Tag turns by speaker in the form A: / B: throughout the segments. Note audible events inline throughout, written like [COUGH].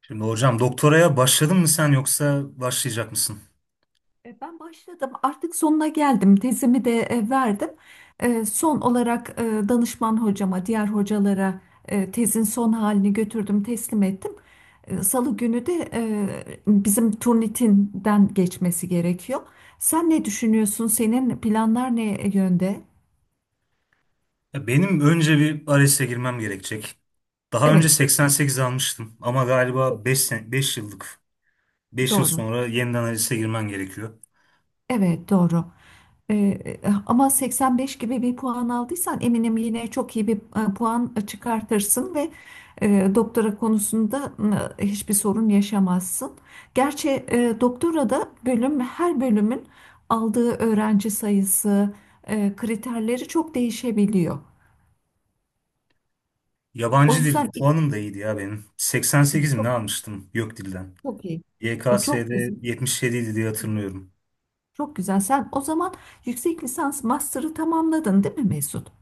A: Şimdi hocam doktoraya başladın mı sen yoksa başlayacak mısın?
B: Ben başladım. Artık sonuna geldim. Tezimi de verdim. Son olarak danışman hocama, diğer hocalara tezin son halini götürdüm, teslim ettim. Salı günü de bizim Turnitin'den geçmesi gerekiyor. Sen ne düşünüyorsun? Senin planlar ne yönde?
A: Ya benim önce bir ALES'e girmem gerekecek. Daha önce
B: Evet,
A: 88 almıştım ama galiba
B: çok iyi.
A: yıllık beş yıl
B: Doğru.
A: sonra yeniden ALES'e girmen gerekiyor.
B: Evet, doğru. Ee, ama 85 gibi bir puan aldıysan eminim yine çok iyi bir puan çıkartırsın ve doktora konusunda hiçbir sorun yaşamazsın. Gerçi doktora da bölüm her bölümün aldığı öğrenci sayısı kriterleri çok değişebiliyor. O
A: Yabancı dil
B: yüzden
A: puanım da iyiydi ya benim. 88 mi ne
B: çok
A: almıştım YÖK dilden.
B: çok iyi. Çok
A: YKS'de
B: güzel.
A: 77 idi diye hatırlıyorum.
B: Çok güzel. Sen o zaman yüksek lisans master'ı tamamladın, değil mi Mesut?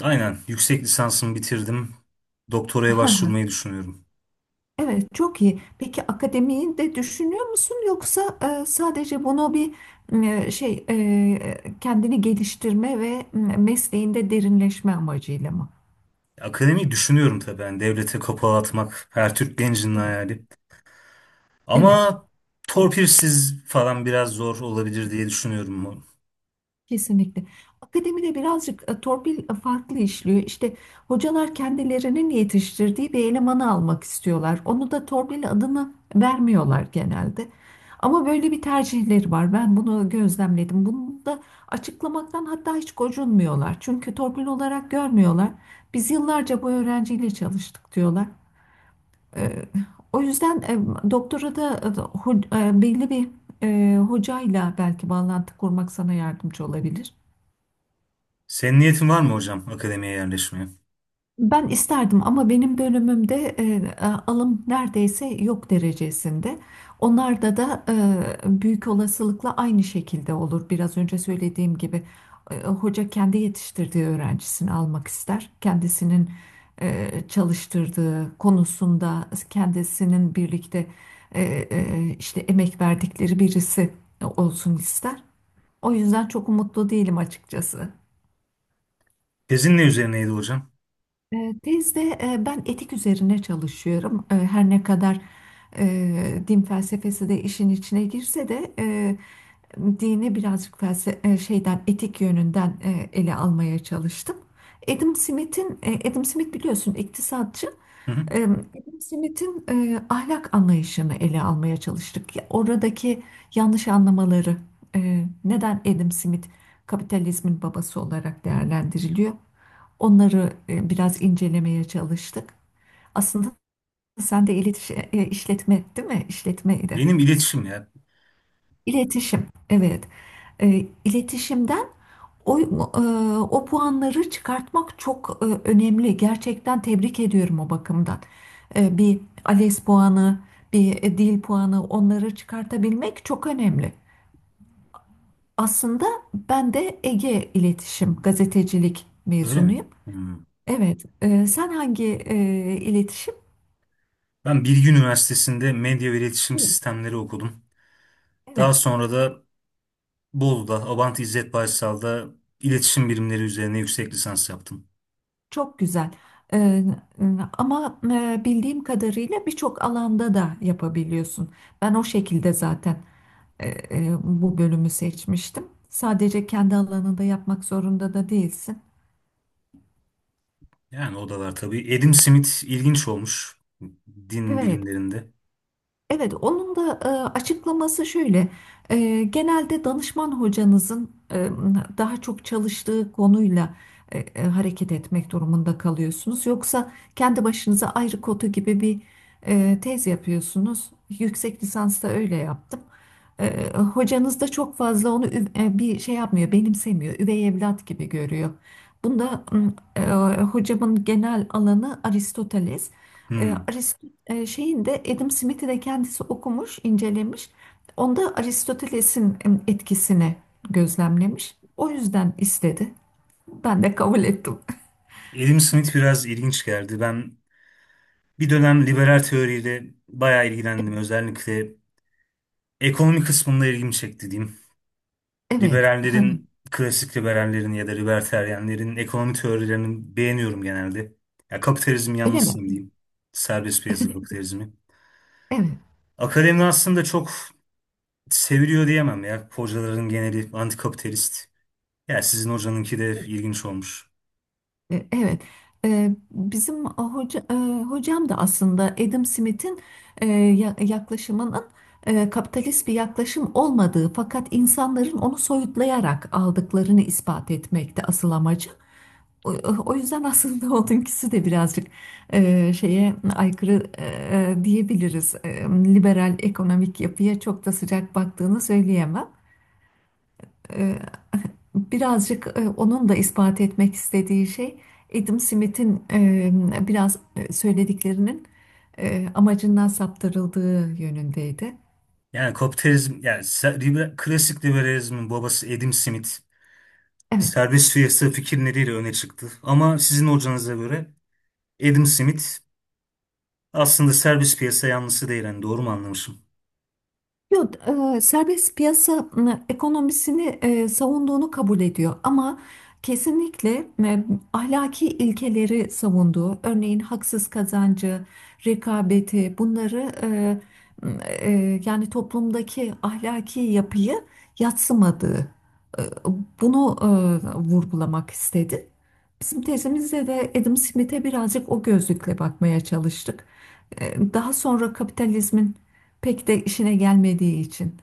A: Aynen yüksek lisansımı bitirdim. Doktoraya başvurmayı
B: [LAUGHS]
A: düşünüyorum.
B: Evet, çok iyi. Peki akademiyi de düşünüyor musun, yoksa sadece bunu bir kendini geliştirme ve mesleğinde derinleşme amacıyla mı?
A: Akademiyi düşünüyorum tabii. Yani devlete kapağı atmak her Türk gencinin hayali.
B: Evet.
A: Ama torpilsiz falan biraz zor olabilir diye düşünüyorum.
B: Kesinlikle. Akademide birazcık torpil farklı işliyor. İşte hocalar kendilerinin yetiştirdiği bir elemanı almak istiyorlar. Onu da torpil adını vermiyorlar genelde. Ama böyle bir tercihleri var. Ben bunu gözlemledim. Bunu da açıklamaktan hatta hiç gocunmuyorlar. Çünkü torpil olarak görmüyorlar. Biz yıllarca bu öğrenciyle çalıştık diyorlar. E, o yüzden doktora da belli bir hocayla belki bağlantı kurmak sana yardımcı olabilir.
A: Senin niyetin var mı hocam akademiye yerleşmeye?
B: Ben isterdim ama benim bölümümde alım neredeyse yok derecesinde. Onlarda da büyük olasılıkla aynı şekilde olur. Biraz önce söylediğim gibi hoca kendi yetiştirdiği öğrencisini almak ister. Kendisinin çalıştırdığı konusunda kendisinin birlikte e, işte emek verdikleri birisi olsun ister. O yüzden çok umutlu değilim açıkçası.
A: Tezin ne üzerineydi hocam?
B: Tezde ben etik üzerine çalışıyorum. Her ne kadar din felsefesi de işin içine girse de dini birazcık şeyden etik yönünden ele almaya çalıştım. Adam Smith biliyorsun iktisatçı.
A: Hı hı.
B: Adam Smith'in ahlak anlayışını ele almaya çalıştık. Ya, oradaki yanlış anlamaları neden Adam Smith kapitalizmin babası olarak değerlendiriliyor? Onları biraz incelemeye çalıştık. Aslında sen de iletişim, işletme değil mi? İşletmeydi.
A: Benim iletişim ya.
B: İletişim, evet. E, iletişimden o, e, o puanları çıkartmak çok önemli. Gerçekten tebrik ediyorum o bakımdan. Bir ALES puanı, bir dil puanı onları çıkartabilmek çok önemli. Aslında ben de Ege İletişim Gazetecilik
A: Öyle mi?
B: mezunuyum.
A: Hmm.
B: Evet, sen hangi iletişim?
A: Ben Bilgi Üniversitesi'nde medya ve iletişim sistemleri okudum. Daha
B: Evet,
A: sonra da Bolu'da Abant İzzet Baysal'da iletişim bilimleri üzerine yüksek lisans yaptım.
B: çok güzel. Ee, e, ama bildiğim kadarıyla birçok alanda da yapabiliyorsun. Ben o şekilde zaten bu bölümü seçmiştim. Sadece kendi alanında yapmak zorunda da değilsin.
A: Yani o da var tabii. Adam Smith ilginç olmuş din
B: Evet.
A: bilimlerinde.
B: Evet, onun da açıklaması şöyle. Genelde danışman hocanızın daha çok çalıştığı konuyla hareket etmek durumunda kalıyorsunuz. Yoksa kendi başınıza ayrı kotu gibi bir tez yapıyorsunuz. Yüksek lisansta öyle yaptım. Hocanız da çok fazla onu bir şey yapmıyor, benimsemiyor. Üvey evlat gibi görüyor. Bunda hocamın genel alanı Aristoteles. E,
A: Hmm.
B: Arist Şeyin de Adam Smith'i de kendisi okumuş, incelemiş. Onda Aristoteles'in etkisini gözlemlemiş. O yüzden istedi. Ben de kabul ettim. [LAUGHS]
A: Adam Smith biraz ilginç geldi. Ben bir dönem liberal teoriyle bayağı ilgilendim. Özellikle ekonomi kısmında ilgimi çekti diyeyim.
B: Evet. Ha,
A: Liberallerin, klasik liberallerin ya da libertaryenlerin ekonomi teorilerini beğeniyorum genelde. Ya kapitalizmin
B: öyle mi?
A: yanlısıyım diyeyim. Serbest piyasa kapitalizmi.
B: Evet.
A: Akademi aslında çok seviliyor diyemem ya. Hocaların geneli antikapitalist. Ya sizin hocanınki de ilginç olmuş.
B: Evet. E, Bizim hoca, e, hocam da aslında Adam Smith'in yaklaşımının kapitalist bir yaklaşım olmadığı fakat insanların onu soyutlayarak aldıklarını ispat etmekte asıl amacı. O, o yüzden aslında [LAUGHS] onunkisi de birazcık şeye aykırı diyebiliriz. Liberal ekonomik yapıya çok da sıcak baktığını söyleyemem. E, birazcık onun da ispat etmek istediği şey Adam Smith'in biraz söylediklerinin amacından saptırıldığı yönündeydi.
A: Yani kapitalizm, yani klasik liberalizmin babası Adam Smith.
B: Evet.
A: Servis piyasa fikirleriyle öne çıktı. Ama sizin hocanıza göre Adam Smith aslında servis piyasa yanlısı değil. Yani doğru mu anlamışım?
B: Yok, serbest piyasa ekonomisini savunduğunu kabul ediyor ama kesinlikle ahlaki ilkeleri savunduğu, örneğin haksız kazancı, rekabeti bunları m, yani toplumdaki ahlaki yapıyı yadsımadığı, e, bunu vurgulamak istedi. Bizim tezimizde de Adam Smith'e birazcık o gözlükle bakmaya çalıştık. Daha sonra kapitalizmin pek de işine gelmediği için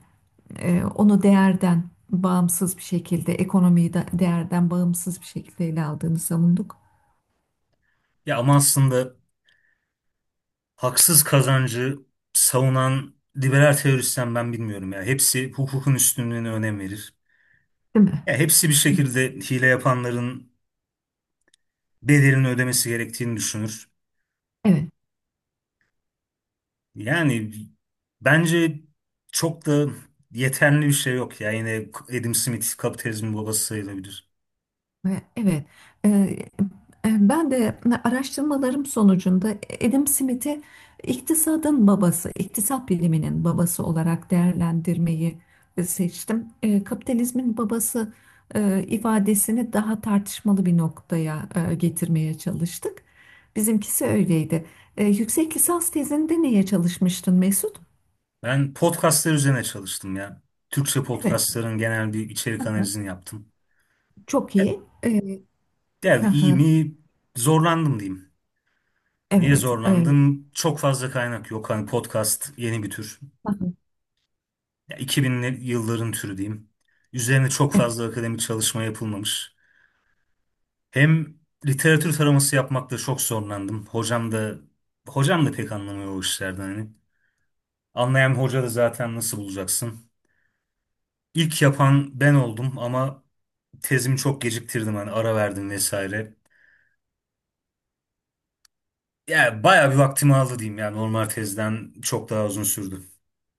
B: onu değerden bağımsız bir şekilde, ekonomiyi de değerden bağımsız bir şekilde ele aldığını savunduk,
A: Ya ama aslında haksız kazancı savunan liberal teorisyen ben bilmiyorum ya. Hepsi hukukun üstünlüğüne önem verir.
B: değil mi?
A: Ya hepsi bir şekilde hile yapanların bedelini ödemesi gerektiğini düşünür.
B: Evet.
A: Yani bence çok da yeterli bir şey yok ya. Yine Adam Smith kapitalizmin babası sayılabilir.
B: Evet, Ee, ben de araştırmalarım sonucunda Adam Smith'i iktisadın babası, iktisat biliminin babası olarak değerlendirmeyi seçtim. Kapitalizmin babası ifadesini daha tartışmalı bir noktaya getirmeye çalıştık. Bizimkisi öyleydi. Yüksek lisans tezinde neye çalışmıştın Mesut?
A: Ben podcastlar üzerine çalıştım ya. Türkçe
B: Evet.
A: podcastların genel bir
B: Hı
A: içerik
B: hı.
A: analizini yaptım.
B: Çok
A: Ya,
B: iyi.
A: yani
B: Hı
A: iyi
B: hı.
A: mi? Zorlandım diyeyim. Niye
B: Evet.
A: zorlandım? Çok fazla kaynak yok. Hani podcast yeni bir tür.
B: Hı hı.
A: Ya 2000'li yılların türü diyeyim. Üzerine çok fazla akademik çalışma yapılmamış. Hem literatür taraması yapmakta çok zorlandım. Hocam da pek anlamıyor o işlerden hani. Anlayan bir hoca da zaten nasıl bulacaksın? İlk yapan ben oldum ama tezimi çok geciktirdim hani, ara verdim vesaire. Yani bayağı bir vaktimi aldı diyeyim ya, normal tezden çok daha uzun sürdü.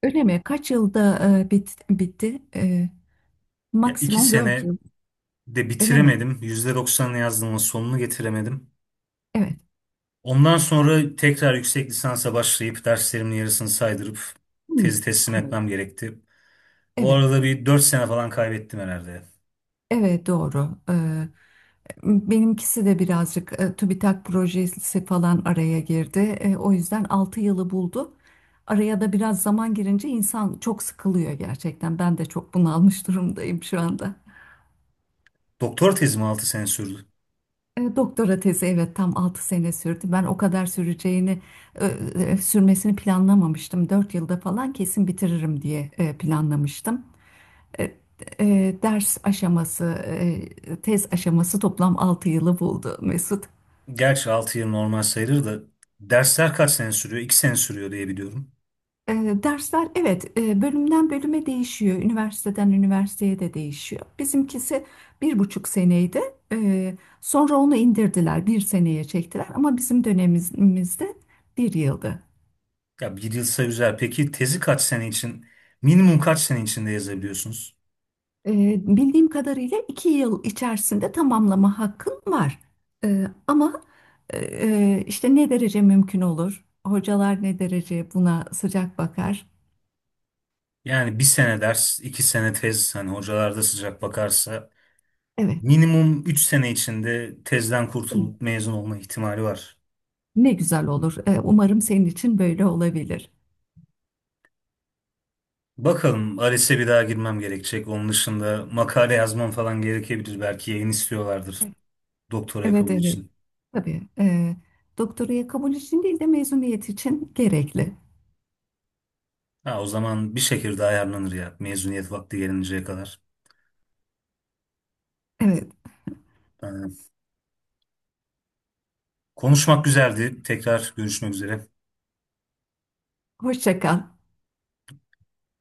B: Öyle mi? Kaç yılda bitti?
A: Ya iki
B: Maksimum 4
A: sene
B: yıl.
A: de
B: Öyle mi?
A: bitiremedim. %90'ını yazdım ama sonunu getiremedim.
B: Evet.
A: Ondan sonra tekrar yüksek lisansa başlayıp derslerimin yarısını saydırıp
B: Hmm,
A: tezi teslim
B: anladım.
A: etmem gerekti. O
B: Evet.
A: arada bir 4 sene falan kaybettim herhalde.
B: Evet, doğru. Benimkisi de birazcık TÜBİTAK projesi falan araya girdi. O yüzden 6 yılı buldu. Araya da biraz zaman girince insan çok sıkılıyor gerçekten. Ben de çok bunalmış durumdayım şu anda.
A: Doktor tezim 6 sene sürdü.
B: Doktora tezi, evet, tam 6 sene sürdü. Ben o kadar e, sürmesini planlamamıştım. 4 yılda falan kesin bitiririm diye planlamıştım. E, Ders aşaması, tez aşaması toplam 6 yılı buldu Mesut.
A: Gerçi 6 yıl normal sayılır da dersler kaç sene sürüyor? 2 sene sürüyor diye biliyorum.
B: E, Dersler, evet, bölümden bölüme değişiyor. Üniversiteden üniversiteye de değişiyor. Bizimkisi bir buçuk seneydi. Sonra onu indirdiler, bir seneye çektiler. Ama bizim dönemimizde bir yıldı.
A: Ya bir yılsa güzel. Peki tezi kaç sene için, minimum kaç sene içinde yazabiliyorsunuz?
B: Bildiğim kadarıyla 2 yıl içerisinde tamamlama hakkın var. Ama işte ne derece mümkün olur? Hocalar ne derece buna sıcak bakar?
A: Yani bir sene ders, iki sene tez, hani hocalar da sıcak bakarsa
B: Evet,
A: minimum 3 sene içinde tezden kurtulup mezun olma ihtimali var.
B: ne güzel olur. Umarım senin için böyle olabilir.
A: Bakalım ALES'e bir daha girmem gerekecek. Onun dışında makale yazmam falan gerekebilir. Belki yayın istiyorlardır doktora
B: Evet,
A: kabul
B: evet.
A: için.
B: Tabii. Doktoraya kabul için değil de mezuniyet için gerekli.
A: Ha, o zaman bir şekilde ayarlanır ya mezuniyet vakti gelinceye kadar.
B: Evet,
A: Aynen. Konuşmak güzeldi. Tekrar görüşmek üzere.
B: hoşça kal.